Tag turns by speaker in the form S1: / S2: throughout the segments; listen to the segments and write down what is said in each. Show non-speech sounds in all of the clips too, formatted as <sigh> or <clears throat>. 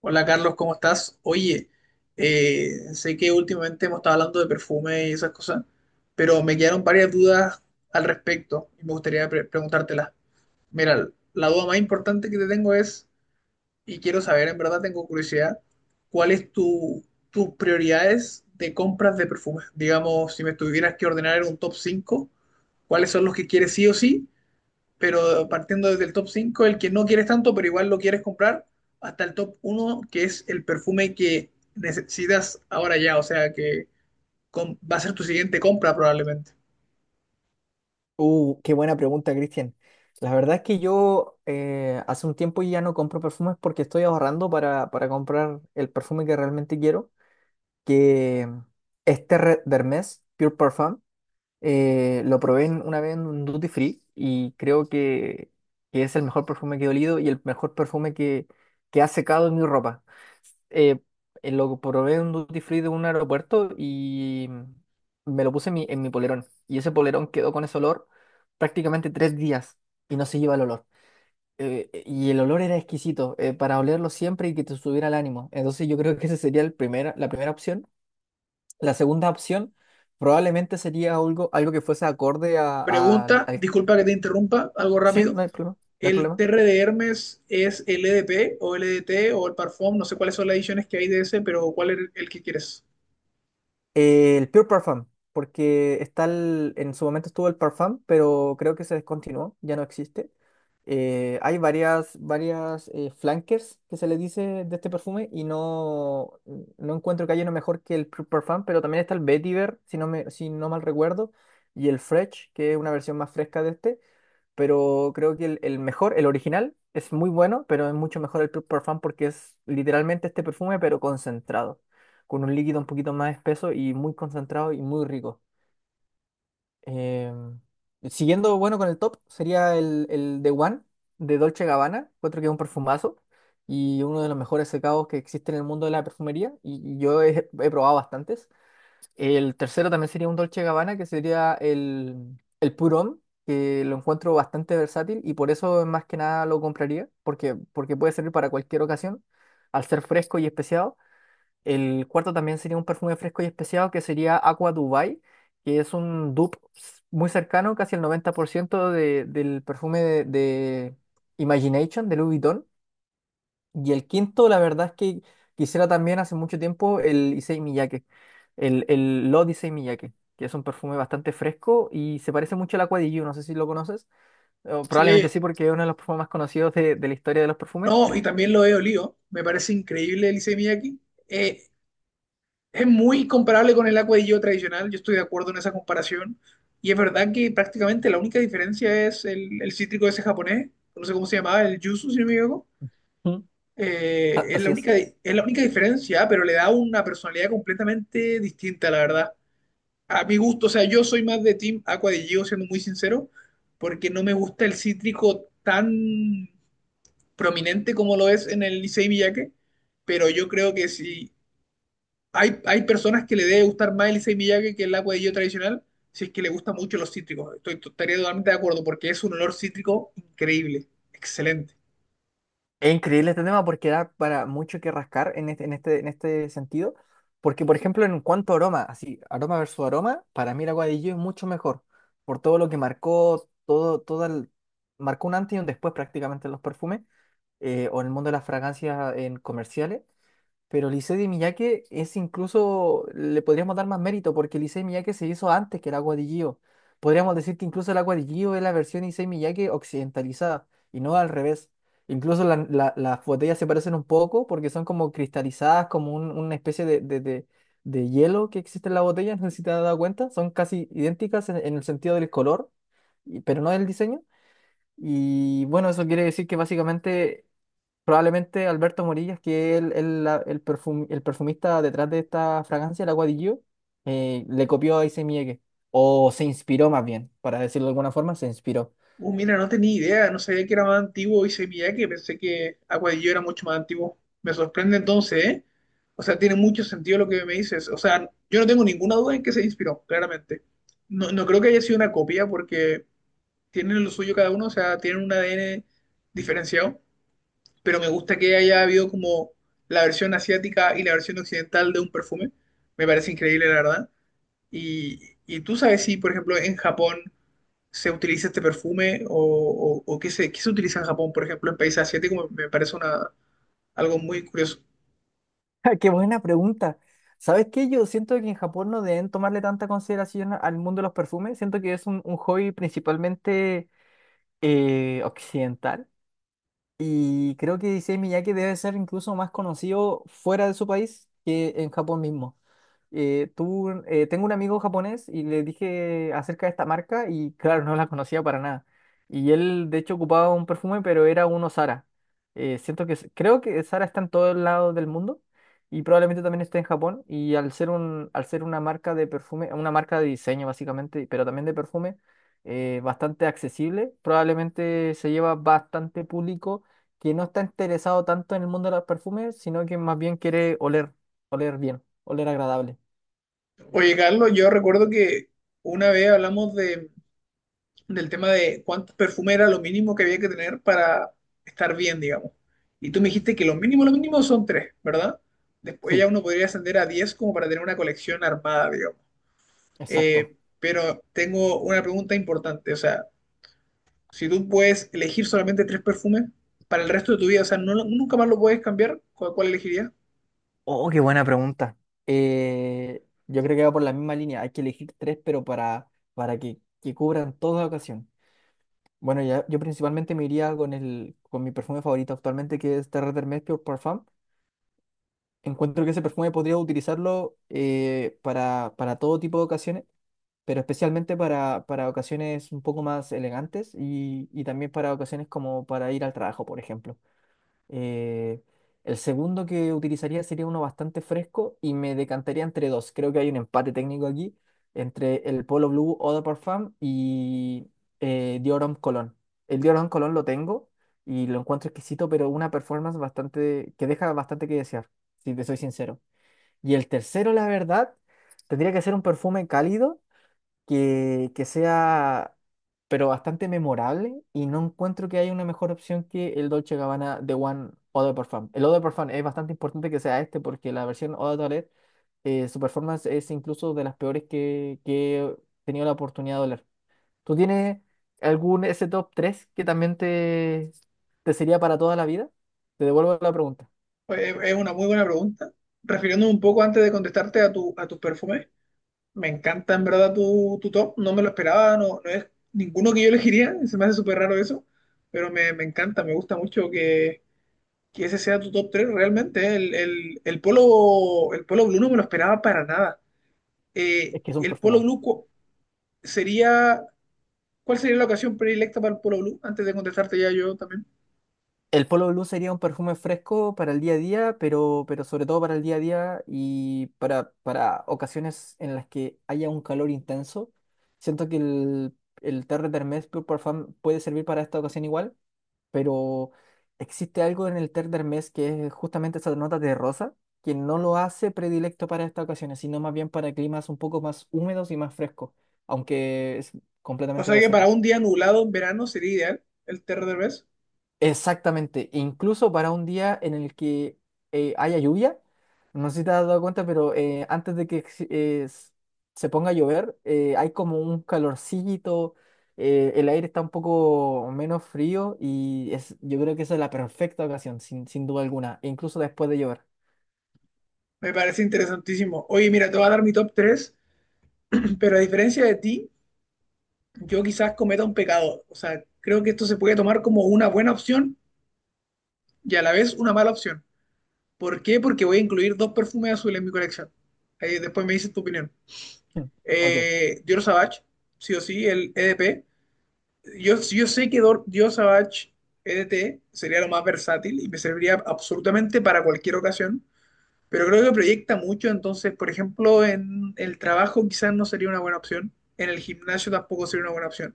S1: Hola Carlos, ¿cómo estás? Oye, sé que últimamente hemos estado hablando de perfume y esas cosas, pero me quedaron varias dudas al respecto y me gustaría preguntártelas. Mira, la duda más importante que te tengo es, y quiero saber, en verdad tengo curiosidad, ¿cuáles tu, tus prioridades de compras de perfumes? Digamos, si me tuvieras que ordenar en un top 5, ¿cuáles son los que quieres sí o sí? Pero partiendo desde el top 5, el que no quieres tanto, pero igual lo quieres comprar, hasta el top uno, que es el perfume que necesitas ahora ya, o sea que va a ser tu siguiente compra probablemente.
S2: Qué buena pregunta, Cristian. La verdad es que yo hace un tiempo ya no compro perfumes porque estoy ahorrando para comprar el perfume que realmente quiero, que es Terre d'Hermès Pure Parfum. Lo probé una vez en un duty free y creo que es el mejor perfume que he olido y el mejor perfume que ha secado en mi ropa. Eh, lo probé en un duty free de un aeropuerto y me lo puse en mi polerón. Y ese polerón quedó con ese olor prácticamente 3 días y no se lleva el olor. Y el olor era exquisito, para olerlo siempre y que te subiera el ánimo. Entonces yo creo que esa sería la primera opción. La segunda opción probablemente sería algo que fuese acorde a, a-
S1: Pregunta,
S2: al...
S1: disculpa que te interrumpa, algo
S2: Sí,
S1: rápido.
S2: no hay problema, no hay
S1: ¿El
S2: problema.
S1: TR de Hermes es LDP o LDT o el Parfum? No sé cuáles son las ediciones que hay de ese, pero ¿cuál es el que quieres?
S2: El Pure Parfum, porque está en su momento estuvo el Parfum, pero creo que se descontinuó, ya no existe. Hay varias flankers que se le dice de este perfume y no, no encuentro que haya uno mejor que el Pure Parfum, pero también está el Vetiver, si no mal recuerdo, y el Fresh, que es una versión más fresca de este. Pero creo que el mejor, el original, es muy bueno, pero es mucho mejor el Pure Parfum porque es literalmente este perfume, pero concentrado, con un líquido un poquito más espeso y muy concentrado y muy rico. Em, Siguiendo, bueno, con el top, sería el The One de Dolce Gabbana, otro que es un perfumazo y uno de los mejores secados que existe en el mundo de la perfumería y yo he probado bastantes. El tercero también sería un Dolce Gabbana, que sería el Purón, que lo encuentro bastante versátil y por eso más que nada lo compraría, porque puede servir para cualquier ocasión, al ser fresco y especiado. El cuarto también sería un perfume fresco y especiado, que sería Aqua Dubai, que es un dupe muy cercano, casi el 90% del perfume de Imagination, de Louis Vuitton y el quinto, la verdad es que quisiera también hace mucho tiempo el Issey Miyake, el Lot Issey Miyake, que es un perfume bastante fresco y se parece mucho al Aqua di Giu, no sé si lo conoces, o
S1: Sí.
S2: probablemente sí porque es uno de los perfumes más conocidos de la historia de los perfumes.
S1: No, y también lo he olido. Me parece increíble el Issey Miyake. Eh, es muy comparable con el Agua de Yo tradicional. Yo estoy de acuerdo en esa comparación. Y es verdad que prácticamente la única diferencia es el cítrico ese japonés. No sé cómo se llamaba, el yuzu, si no me equivoco.
S2: Mm. A-
S1: Es la
S2: Así es.
S1: única, es la única diferencia, pero le da una personalidad completamente distinta, la verdad. A mi gusto, o sea, yo soy más de Team Aqua de Gio, siendo muy sincero, porque no me gusta el cítrico tan prominente como lo es en el Licey Miyake, pero yo creo que si hay personas que le debe gustar más el Licey Miyake que el agua de yo tradicional, si es que le gustan mucho los cítricos. Estaría totalmente de acuerdo porque es un olor cítrico increíble, excelente.
S2: Es increíble este tema porque da para mucho que rascar en este sentido, porque por ejemplo en cuanto a aroma, así, aroma versus aroma, para mí el Agua de Gio es mucho mejor, por todo lo que marcó, marcó un antes y un después prácticamente en los perfumes, o en el mundo de las fragancias en comerciales, pero Lisette de Miyake es incluso, le podríamos dar más mérito porque Lisette de Miyake se hizo antes que el agua de Gio. Podríamos decir que incluso el agua de Gio es la versión Issey Miyake occidentalizada y no al revés. Incluso las botellas se parecen un poco porque son como cristalizadas, como una especie de hielo que existe en la botella, no sé si te has dado cuenta, son casi idénticas en el sentido del color, pero no del diseño. Y bueno, eso quiere decir que básicamente probablemente Alberto Morillas, que es el perfumista detrás de esta fragancia, la Agua di Gio, le copió a Issey Miyake, o se inspiró más bien, para decirlo de alguna forma, se inspiró.
S1: Mira, no tenía idea, no sabía que era más antiguo Licey Miyake, pensé que Aguadillo era mucho más antiguo. Me sorprende entonces, ¿eh? O sea, tiene mucho sentido lo que me dices. O sea, yo no tengo ninguna duda en que se inspiró, claramente. No, no creo que haya sido una copia porque tienen lo suyo cada uno, o sea, tienen un ADN diferenciado, pero me gusta que haya habido como la versión asiática y la versión occidental de un perfume. Me parece increíble, la verdad. Y, y tú sabes si, por ejemplo, en Japón se utiliza este perfume o qué se utiliza en Japón, por ejemplo, en países asiáticos, me parece una, algo muy curioso.
S2: <laughs> ¡Qué buena pregunta! ¿Sabes qué? Yo siento que en Japón no deben tomarle tanta consideración al mundo de los perfumes, siento que es un hobby principalmente occidental, y creo que Issey Miyake debe ser incluso más conocido fuera de su país que en Japón mismo. Tengo un amigo japonés y le dije acerca de esta marca y claro, no la conocía para nada. Y él de hecho ocupaba un perfume, pero era uno Zara. Creo que Zara está en todos lados del mundo y probablemente también esté en Japón. Y al ser una marca de perfume, una marca de diseño básicamente, pero también de perfume, bastante accesible, probablemente se lleva bastante público que no está interesado tanto en el mundo de los perfumes, sino que más bien quiere oler bien, oler agradable.
S1: Oye, Carlos, yo recuerdo que una vez hablamos de del tema de cuánto perfume era lo mínimo que había que tener para estar bien, digamos. Y tú me dijiste que lo mínimo son tres, ¿verdad? Después ya
S2: Sí,
S1: uno podría ascender a 10 como para tener una colección armada, digamos.
S2: exacto.
S1: Pero tengo una pregunta importante, o sea, si tú puedes elegir solamente tres perfumes para el resto de tu vida, o sea, no, nunca más lo puedes cambiar, ¿cuál, cuál elegirías?
S2: Oh, qué buena pregunta. Yo creo que va por la misma línea. Hay que elegir tres, pero para que cubran toda ocasión. Bueno, ya, yo principalmente me iría con mi perfume favorito actualmente, que es Terre Hermes Pure Parfum. Encuentro que ese perfume podría utilizarlo para todo tipo de ocasiones, pero especialmente para ocasiones un poco más elegantes y también para, ocasiones como para ir al trabajo, por ejemplo. Eh, el segundo que utilizaría sería uno bastante fresco y me decantaría entre dos. Creo que hay un empate técnico aquí entre el Polo Blue Eau de Parfum y Dior Homme Cologne. El Dior Homme Cologne lo tengo y lo encuentro exquisito, pero una performance bastante que deja bastante que desear, si te soy sincero. Y el tercero, la verdad, tendría que ser un perfume cálido que sea, pero bastante memorable y no encuentro que haya una mejor opción que el Dolce Gabbana de One Eau de Parfum. El Eau de Parfum es bastante importante que sea este porque la versión Eau de Toilette, su performance es incluso de las peores que he tenido la oportunidad de oler. ¿Tú tienes algún ese top 3 que también te sería para toda la vida? Te devuelvo la pregunta.
S1: Pues, es una muy buena pregunta. Refiriéndome un poco antes de contestarte a tu, a tus perfumes, me encanta en verdad tu, tu top, no me lo esperaba, no, no es ninguno que yo elegiría, se me hace súper raro eso, pero me encanta, me gusta mucho que ese sea tu top tres realmente, ¿eh? El Polo, el Polo Blue no me lo esperaba para nada.
S2: Es que es un
S1: El Polo
S2: perfumón.
S1: Blue sería, ¿cuál sería la ocasión predilecta para el Polo Blue? Antes de contestarte ya yo también.
S2: El Polo Blue sería un perfume fresco para el día a día, pero sobre todo para el día a día y para ocasiones en las que haya un calor intenso. Siento que el Terre d'Hermes Pure Parfum puede servir para esta ocasión igual, pero existe algo en el Terre d'Hermes que es justamente esa nota de rosa, que no lo hace predilecto para estas ocasiones, sino más bien para climas un poco más húmedos y más frescos, aunque es
S1: O
S2: completamente
S1: sea que para
S2: versátil.
S1: un día nublado en verano sería ideal el Terra del Vez.
S2: Exactamente, incluso para un día en el que haya lluvia, no sé si te has dado cuenta, pero antes de que ex- s- se ponga a llover, hay como un calorcito, el aire está un poco menos frío y es, yo creo que esa es la perfecta ocasión, sin duda alguna, e incluso después de llover.
S1: Me parece interesantísimo. Oye, mira, te voy a dar mi top 3, <clears throat> pero a diferencia de ti yo quizás cometa un pecado. O sea, creo que esto se puede tomar como una buena opción y a la vez una mala opción. ¿Por qué? Porque voy a incluir dos perfumes azules en mi colección. Ahí después me dices tu opinión.
S2: Mm, Ok,
S1: Dior Sauvage, sí o sí, el EDP. Yo sé que Dior Sauvage EDT sería lo más versátil y me serviría absolutamente para cualquier ocasión, pero creo que proyecta mucho, entonces, por ejemplo, en el trabajo quizás no sería una buena opción, en el gimnasio tampoco sería una buena opción.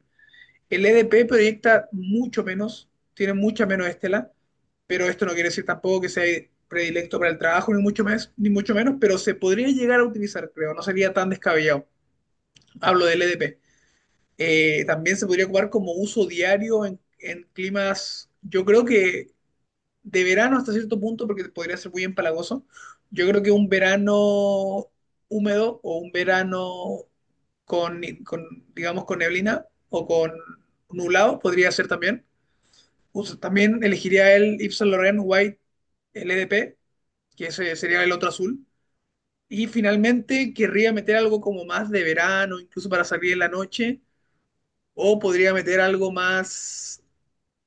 S1: El EDP proyecta mucho menos, tiene mucha menos estela, pero esto no quiere decir tampoco que sea predilecto para el trabajo, ni mucho, más, ni mucho menos, pero se podría llegar a utilizar, creo, no sería tan descabellado. Hablo del EDP. También se podría ocupar como uso diario en climas, yo creo que de verano hasta cierto punto, porque podría ser muy empalagoso. Yo creo que un verano húmedo o un verano con, con, digamos, con neblina o con nublado podría ser también. También elegiría el Yves Saint Laurent White LDP, que ese sería el otro azul. Y finalmente querría meter algo como más de verano, incluso para salir en la noche, o podría meter algo más.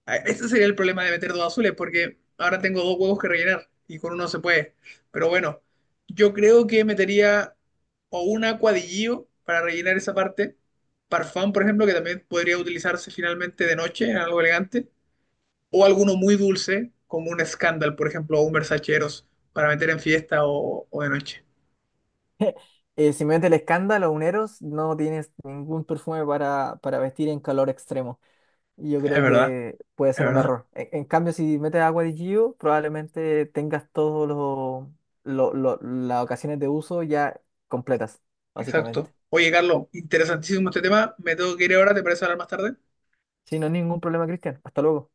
S1: Ah, ese sería el problema de meter dos azules, porque ahora tengo dos huevos que rellenar y con uno se puede. Pero bueno, yo creo que metería o un acuadillo para rellenar esa parte, parfán, por ejemplo, que también podría utilizarse finalmente de noche en algo elegante, o alguno muy dulce, como un Scandal, por ejemplo, o un Versace Eros, para meter en fiesta o de noche.
S2: simplemente el escándalo, los uneros no tienes ningún perfume para vestir en calor extremo. Y yo
S1: Es
S2: creo
S1: verdad,
S2: que puede
S1: es
S2: ser un
S1: verdad,
S2: error. En cambio, si metes agua de Gio, probablemente tengas todos los las ocasiones de uso ya completas, básicamente.
S1: exacto. Oye, Carlos, interesantísimo este tema. Me tengo que ir ahora, ¿te parece hablar más tarde?
S2: Sí, no hay ningún problema, Cristian. Hasta luego.